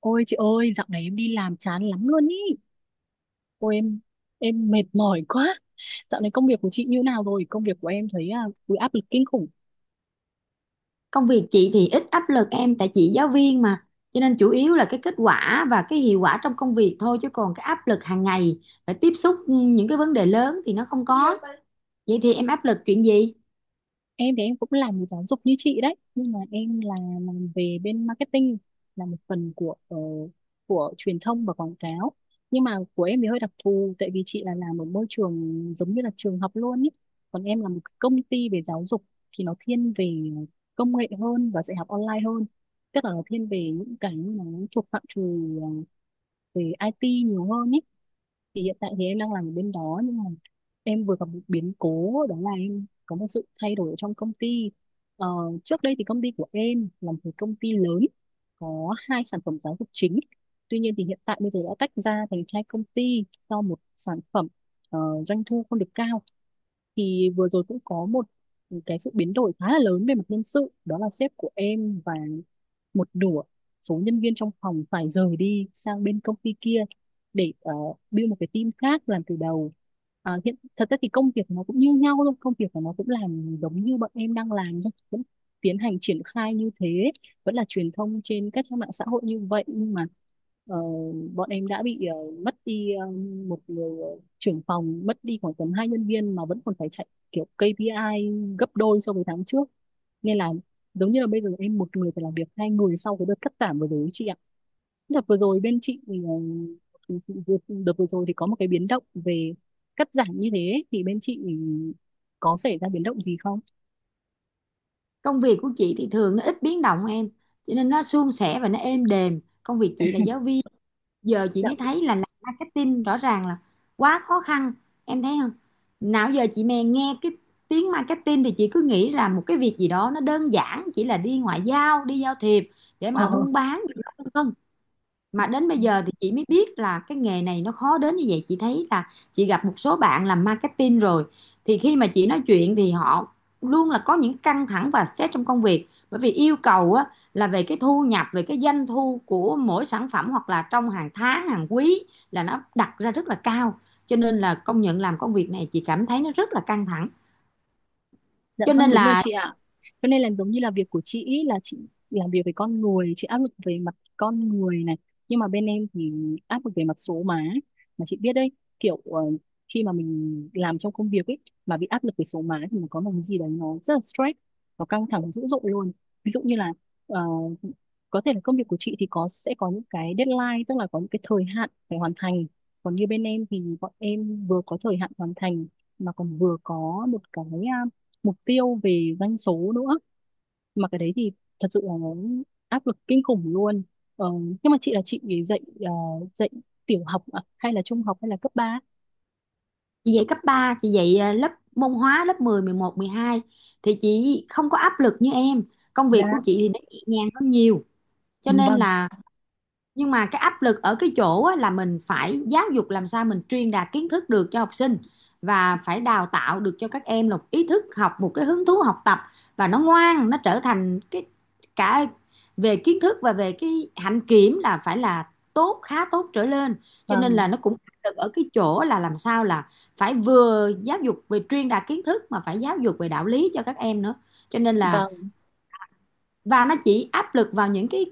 Ôi chị ơi, dạo này em đi làm chán lắm luôn ý. Ôi em mệt mỏi quá. Dạo này công việc của chị như nào rồi? Công việc của em thấy áp lực kinh khủng. Công việc chị thì ít áp lực em, tại chị giáo viên mà, cho nên chủ yếu là cái kết quả và cái hiệu quả trong công việc thôi, chứ còn cái áp lực hàng ngày phải tiếp xúc những cái vấn đề lớn thì nó không có. Vậy thì em áp lực chuyện gì? Em thì em cũng làm về giáo dục như chị đấy, nhưng mà em là làm về bên marketing, là một phần của của truyền thông và quảng cáo. Nhưng mà của em thì hơi đặc thù, tại vì chị là làm ở môi trường giống như là trường học luôn ý, còn em là một cái công ty về giáo dục, thì nó thiên về công nghệ hơn và dạy học online hơn. Tức là nó thiên về những cái mà nó thuộc phạm trù ờ, về IT nhiều hơn ý. Thì hiện tại thì em đang làm ở bên đó, nhưng mà em vừa gặp một biến cố, đó là em có một sự thay đổi ở trong công ty. ờ, Trước đây thì công ty của em là một cái công ty lớn, có hai sản phẩm giáo dục chính. Tuy nhiên thì hiện tại bây giờ đã tách ra thành hai công ty, do một sản phẩm ờ, doanh thu không được cao. Thì vừa rồi cũng có một cái sự biến đổi khá là lớn về mặt nhân sự, đó là sếp của em và một nửa số nhân viên trong phòng phải rời đi sang bên công ty kia để build một cái team khác làm từ đầu. Hiện thật ra thì công việc nó cũng như nhau thôi, công việc của nó cũng làm giống như bọn em đang làm thôi, vẫn tiến hành triển khai như thế, vẫn là truyền thông trên các trang mạng xã hội như vậy. Nhưng mà ờ, bọn em đã bị mất đi một người trưởng phòng, mất đi khoảng tầm hai nhân viên mà vẫn còn phải chạy kiểu KPI gấp đôi so với tháng trước, nên là giống như là bây giờ em một người phải làm việc hai người sau cái đợt cắt giảm vừa rồi ấy chị ạ. Đợt vừa rồi bên chị, đợt đợt vừa rồi thì có một cái biến động về cắt giảm như thế ấy, thì bên chị có xảy ra biến động gì không? Công việc của chị thì thường nó ít biến động em, cho nên nó suôn sẻ và nó êm đềm. Công việc chị là giáo viên. Giờ chị Dạ. mới thấy là làm marketing rõ ràng là quá khó khăn. Em thấy không, nào giờ chị mè nghe cái tiếng marketing thì chị cứ nghĩ là một cái việc gì đó nó đơn giản, chỉ là đi ngoại giao đi giao thiệp để mà Ờ. buôn bán gì đó vân vân. Mà đến bây giờ thì chị mới biết là cái nghề này nó khó đến như vậy. Chị thấy là chị gặp một số bạn làm marketing rồi, thì khi mà chị nói chuyện thì họ luôn là có những căng thẳng và stress trong công việc, bởi vì yêu cầu là về cái thu nhập, về cái doanh thu của mỗi sản phẩm hoặc là trong hàng tháng hàng quý, là nó đặt ra rất là cao. Cho nên là công nhận làm công việc này chị cảm thấy nó rất là căng thẳng, Dạ cho vâng, nên đúng rồi là. chị ạ. Cho nên là giống như là việc của chị ý là chị làm việc về con người, chị áp lực về mặt con người này. Nhưng mà bên em thì áp lực về mặt số má. Mà chị biết đấy, kiểu khi mà mình làm trong công việc ấy, mà bị áp lực về số má thì nó có một cái gì đấy nó rất là stress, nó căng thẳng dữ dội luôn. Ví dụ như là ờ, có thể là công việc của chị thì có sẽ có những cái deadline, tức là có những cái thời hạn phải hoàn thành. Còn như bên em thì bọn em vừa có thời hạn hoàn thành mà còn vừa có một cái à, mục tiêu về doanh số nữa, mà cái đấy thì thật sự là nó áp lực kinh khủng luôn. ờ, nhưng mà chị là chị thì dạy dạy tiểu học à? Hay là trung học hay là cấp ba? Chị dạy cấp ba, chị dạy lớp môn hóa lớp 10, 11, 12, thì chị không có áp lực như em. Công Dạ, việc của chị thì nó nhẹ nhàng hơn nhiều. Cho nên vâng là, nhưng mà cái áp lực ở cái chỗ là mình phải giáo dục làm sao mình truyền đạt kiến thức được cho học sinh, và phải đào tạo được cho các em một ý thức học, một cái hứng thú học tập, và nó ngoan, nó trở thành cái cả về kiến thức và về cái hạnh kiểm là phải là tốt, khá tốt trở lên. Cho nên vâng là nó cũng áp lực ở cái chỗ là làm sao là phải vừa giáo dục về truyền đạt kiến thức mà phải giáo dục về đạo lý cho các em nữa, cho nên là. vâng Và nó chỉ áp lực vào những cái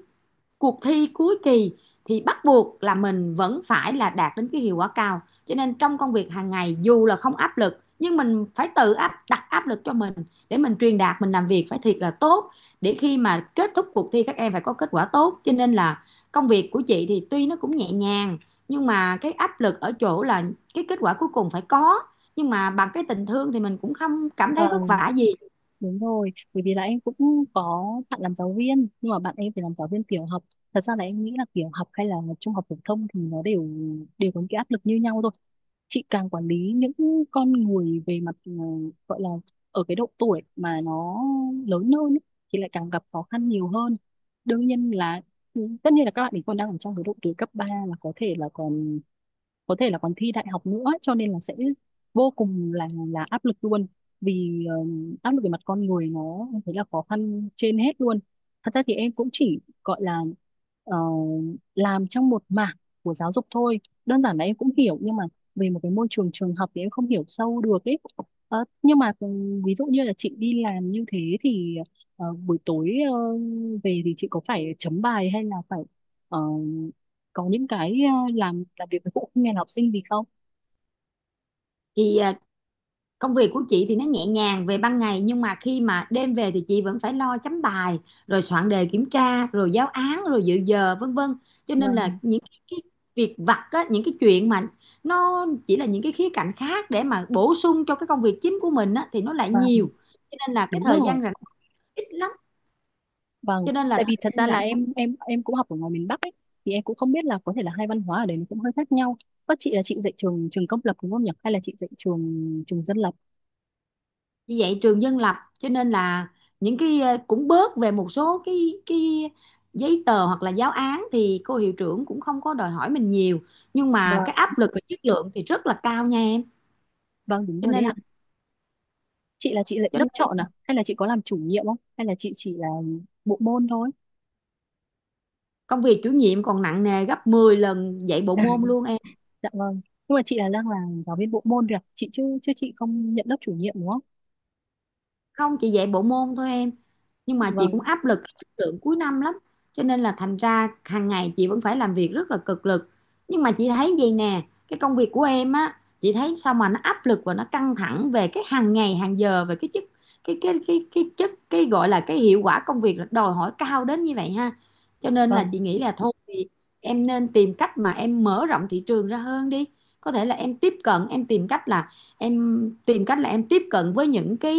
cuộc thi cuối kỳ, thì bắt buộc là mình vẫn phải là đạt đến cái hiệu quả cao, cho nên trong công việc hàng ngày dù là không áp lực nhưng mình phải tự áp đặt áp lực cho mình, để mình truyền đạt, mình làm việc phải thiệt là tốt, để khi mà kết thúc cuộc thi các em phải có kết quả tốt. Cho nên là công việc của chị thì tuy nó cũng nhẹ nhàng, nhưng mà cái áp lực ở chỗ là cái kết quả cuối cùng phải có, nhưng mà bằng cái tình thương thì mình cũng không cảm thấy vất vâng vả gì. đúng rồi, bởi vì là em cũng có bạn làm giáo viên, nhưng mà bạn em thì làm giáo viên tiểu học. Thật ra là em nghĩ là tiểu học hay là trung học phổ thông thì nó đều đều có những cái áp lực như nhau thôi. Chị càng quản lý những con người về mặt, gọi là ở cái độ tuổi mà nó lớn hơn ấy, thì lại càng gặp khó khăn nhiều hơn. Đương nhiên là ừ, tất nhiên là các bạn ấy còn đang ở trong cái độ tuổi cấp ba, là có thể là còn có thể là còn thi đại học nữa, cho nên là sẽ vô cùng là áp lực luôn. Vì áp lực về mặt con người nó thấy là khó khăn trên hết luôn. Thật ra thì em cũng chỉ gọi là ờ, làm trong một mảng của giáo dục thôi, đơn giản là em cũng hiểu nhưng mà về một cái môi trường trường học thì em không hiểu sâu được ấy. Nhưng mà ừ, ví dụ như là chị đi làm như thế thì buổi tối, về thì chị có phải chấm bài hay là phải ờ, có những cái làm việc với phụ huynh hay là học sinh gì không? thì à, Công việc của chị thì nó nhẹ nhàng về ban ngày, nhưng mà khi mà đêm về thì chị vẫn phải lo chấm bài, rồi soạn đề kiểm tra, rồi giáo án, rồi dự giờ vân vân. Cho nên là Vâng. những cái việc vặt những cái chuyện mà nó chỉ là những cái khía cạnh khác để mà bổ sung cho cái công việc chính của mình thì nó lại Vâng nhiều, cho nên là cái đúng thời rồi. gian rảnh ít lắm, Vâng. cho nên là Tại vì thời thật gian ra là rảnh. em cũng học ở ngoài miền Bắc ấy, thì em cũng không biết là có thể là hai văn hóa ở đấy nó cũng hơi khác nhau. Các chị là chị dạy trường trường công lập đúng không nhỉ? Hay là chị dạy trường trường dân lập? Như vậy trường dân lập, cho nên là những cái cũng bớt về một số cái giấy tờ hoặc là giáo án thì cô hiệu trưởng cũng không có đòi hỏi mình nhiều, nhưng mà Vâng. cái áp lực về chất lượng thì rất là cao nha em, Vâng đúng cho rồi đấy nên là. ạ. Chị là chị dạy Cho nên lớp chọn à, hay là chị có làm chủ nhiệm, không hay là chị chỉ là bộ môn thôi? công việc chủ nhiệm còn nặng nề gấp 10 lần dạy bộ môn luôn em. Dạ vâng. Nhưng mà chị là đang là giáo viên bộ môn rồi ạ? Chị chứ chứ chị không nhận lớp chủ nhiệm đúng không? Không, chỉ dạy bộ môn thôi em, nhưng mà chị vâng cũng áp lực cái chất lượng cuối năm lắm, cho nên là thành ra hàng ngày chị vẫn phải làm việc rất là cực lực. Nhưng mà chị thấy vậy nè, cái công việc của em á, chị thấy sao mà nó áp lực và nó căng thẳng về cái hàng ngày hàng giờ, về cái chất, cái chất, cái gọi là cái hiệu quả công việc là đòi hỏi cao đến như vậy ha. Cho nên là chị vâng nghĩ là thôi thì em nên tìm cách mà em mở rộng thị trường ra hơn đi. Có thể là em tiếp cận, em tìm cách là em, tìm cách là em tiếp cận với những cái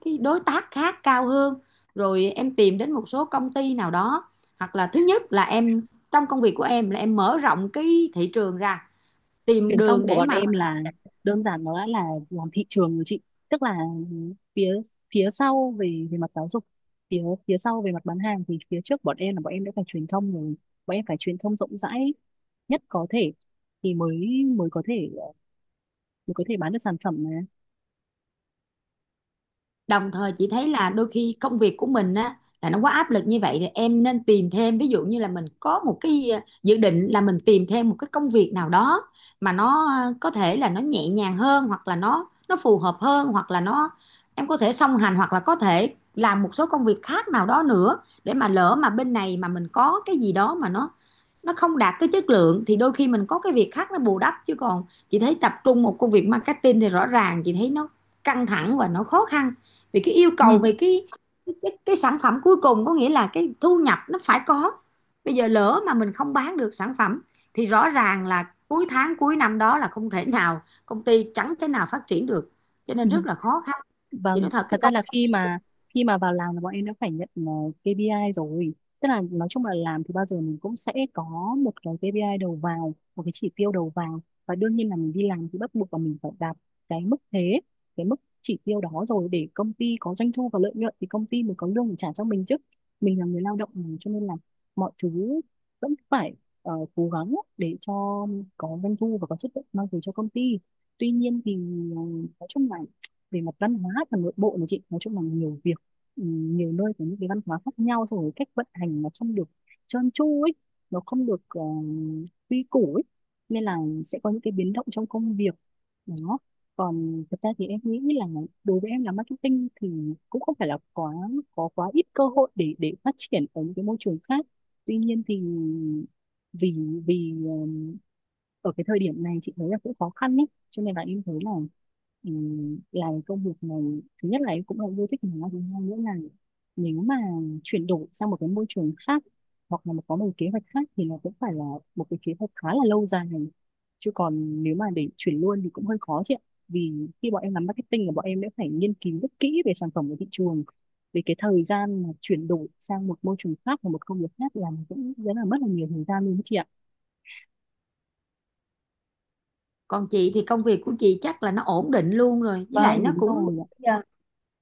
cái đối tác khác cao hơn, rồi em tìm đến một số công ty nào đó, hoặc là thứ nhất là em, trong công việc của em là em mở rộng cái thị trường ra, tìm Truyền thông đường của để bọn mà. em là đơn giản nó đã là làm thị trường rồi chị. Tức là phía phía sau về về mặt giáo dục, phía phía sau về mặt bán hàng, thì phía trước bọn em là bọn em đã phải truyền thông rồi. Bọn em phải truyền thông rộng rãi nhất có thể, thì mới mới có thể bán được sản phẩm Đồng thời chị thấy là đôi khi công việc của mình á là nó quá áp lực như vậy, thì em nên tìm thêm, ví dụ như là mình có một cái dự định là mình tìm thêm một cái công việc nào đó mà nó, có thể là nó nhẹ nhàng hơn, hoặc là nó phù hợp hơn, hoặc là nó, em có thể song hành hoặc là có thể làm một số công việc khác nào đó nữa, để mà lỡ mà bên này mà mình có cái gì đó mà nó không đạt cái chất lượng, thì đôi khi mình có cái việc khác nó bù đắp. Chứ còn chị thấy tập trung một công việc marketing thì rõ ràng chị thấy nó căng thẳng và nó khó khăn, vì cái yêu mà. cầu về cái cái sản phẩm cuối cùng, có nghĩa là cái thu nhập nó phải có. Bây giờ lỡ mà mình không bán được sản phẩm, thì rõ ràng là cuối tháng cuối năm đó là không thể nào, công ty chẳng thể nào phát triển được, cho nên rất là khó khăn. Chị Vâng, nói thật, cái thật ra công. là khi mà vào làm là bọn em đã phải nhận KPI rồi. Tức là nói chung là làm thì bao giờ mình cũng sẽ có một cái KPI đầu vào, một cái chỉ tiêu đầu vào, và đương nhiên là mình đi làm thì bắt buộc là mình phải đạt cái mức thế, cái mức chỉ tiêu đó rồi để công ty có doanh thu và lợi nhuận thì công ty mới có lương để trả cho mình chứ. Mình là người lao động mà, cho nên là mọi thứ vẫn phải cố gắng để cho có doanh thu và có chất lượng mang về cho công ty. Tuy nhiên thì ờ, nói chung là về mặt văn hóa và nội bộ này chị, nói chung là nhiều việc, ừ, nhiều nơi có những cái văn hóa khác nhau, xong rồi cách vận hành nó không được trơn tru ấy, nó không được quy củ ấy, nên là sẽ có những cái biến động trong công việc đó. Còn thật ra thì em nghĩ là đối với em làm marketing thì cũng không phải là quá có quá ít cơ hội để phát triển ở những cái môi trường khác. Tuy nhiên thì vì vì ờ, ở cái thời điểm này chị thấy là cũng khó khăn ấy, cho nên là em thấy là làm công việc này thứ nhất là em cũng là yêu thích nó, thứ hai nữa là nếu mà chuyển đổi sang một cái môi trường khác hoặc là có một kế hoạch khác thì nó cũng phải là một cái kế hoạch khá là lâu dài này, chứ còn nếu mà để chuyển luôn thì cũng hơi khó chị ạ. Vì khi bọn em làm marketing là bọn em đã phải nghiên cứu rất kỹ về sản phẩm của thị trường, về cái thời gian mà chuyển đổi sang một môi trường khác và một công việc khác là cũng rất là mất là nhiều thời gian luôn đấy chị ạ. Còn chị thì công việc của chị chắc là nó ổn định luôn rồi, với lại Vâng nó đúng cũng. rồi ạ. Dạ.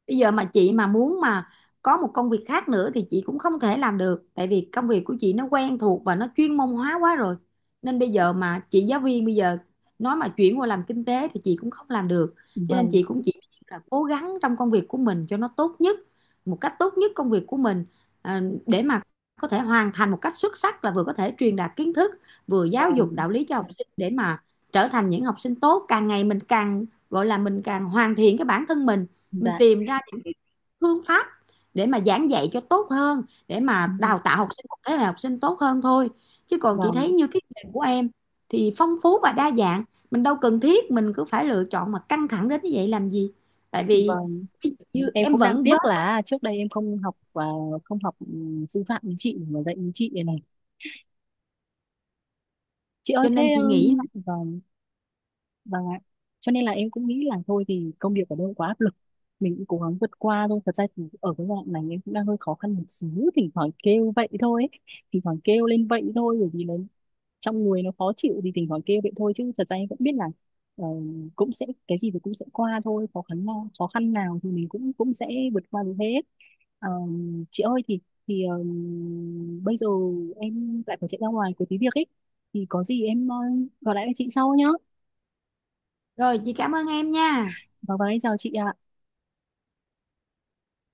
Bây giờ mà chị mà muốn mà có một công việc khác nữa thì chị cũng không thể làm được, tại vì công việc của chị nó quen thuộc và nó chuyên môn hóa quá rồi, nên bây giờ mà chị giáo viên bây giờ nói mà chuyển qua làm kinh tế thì chị cũng không làm được. Cho nên Vâng. chị cũng chỉ là cố gắng trong công việc của mình cho nó tốt nhất, một cách tốt nhất công việc của mình, để mà có thể hoàn thành một cách xuất sắc, là vừa có thể truyền đạt kiến thức, vừa giáo dục Vâng. đạo lý cho học sinh, để mà trở thành những học sinh tốt, càng ngày mình càng gọi là mình càng hoàn thiện cái bản thân mình Dạ. tìm ra những cái phương pháp để mà giảng dạy cho tốt hơn, để mà đào tạo học sinh, một thế hệ học sinh tốt hơn thôi. Chứ còn chị thấy Vâng, như cái nghề của em thì phong phú và đa dạng, mình đâu cần thiết mình cứ phải lựa chọn mà căng thẳng đến như vậy làm gì. Tại vì vâng. ví dụ như Em em cũng đang vẫn vớt, tiếc là trước đây em không học và không học sư phạm với chị mà dạy với chị này. Chị ơi cho thế nên chị nghĩ là. Vâng, vâng ạ. Cho nên là em cũng nghĩ là thôi thì công việc ở đâu quá áp lực, mình cũng cố gắng vượt qua thôi. Thật ra thì ở cái đoạn này em cũng đang hơi khó khăn một xíu, thỉnh thoảng kêu vậy thôi ấy. Thỉnh thoảng kêu lên vậy thôi bởi vì nó trong người nó khó chịu thì thỉnh thoảng kêu vậy thôi, chứ thật ra em cũng biết là ờ, cũng sẽ cái gì thì cũng sẽ qua thôi, khó khăn nào thì mình cũng cũng sẽ vượt qua được hết. Ờ, chị ơi thì thì bây giờ em lại phải chạy ra ngoài có tí việc ấy, thì có gì em gọi lại cho chị sau nhá. Rồi chị cảm ơn em nha. Vâng vâng, em chào chị ạ.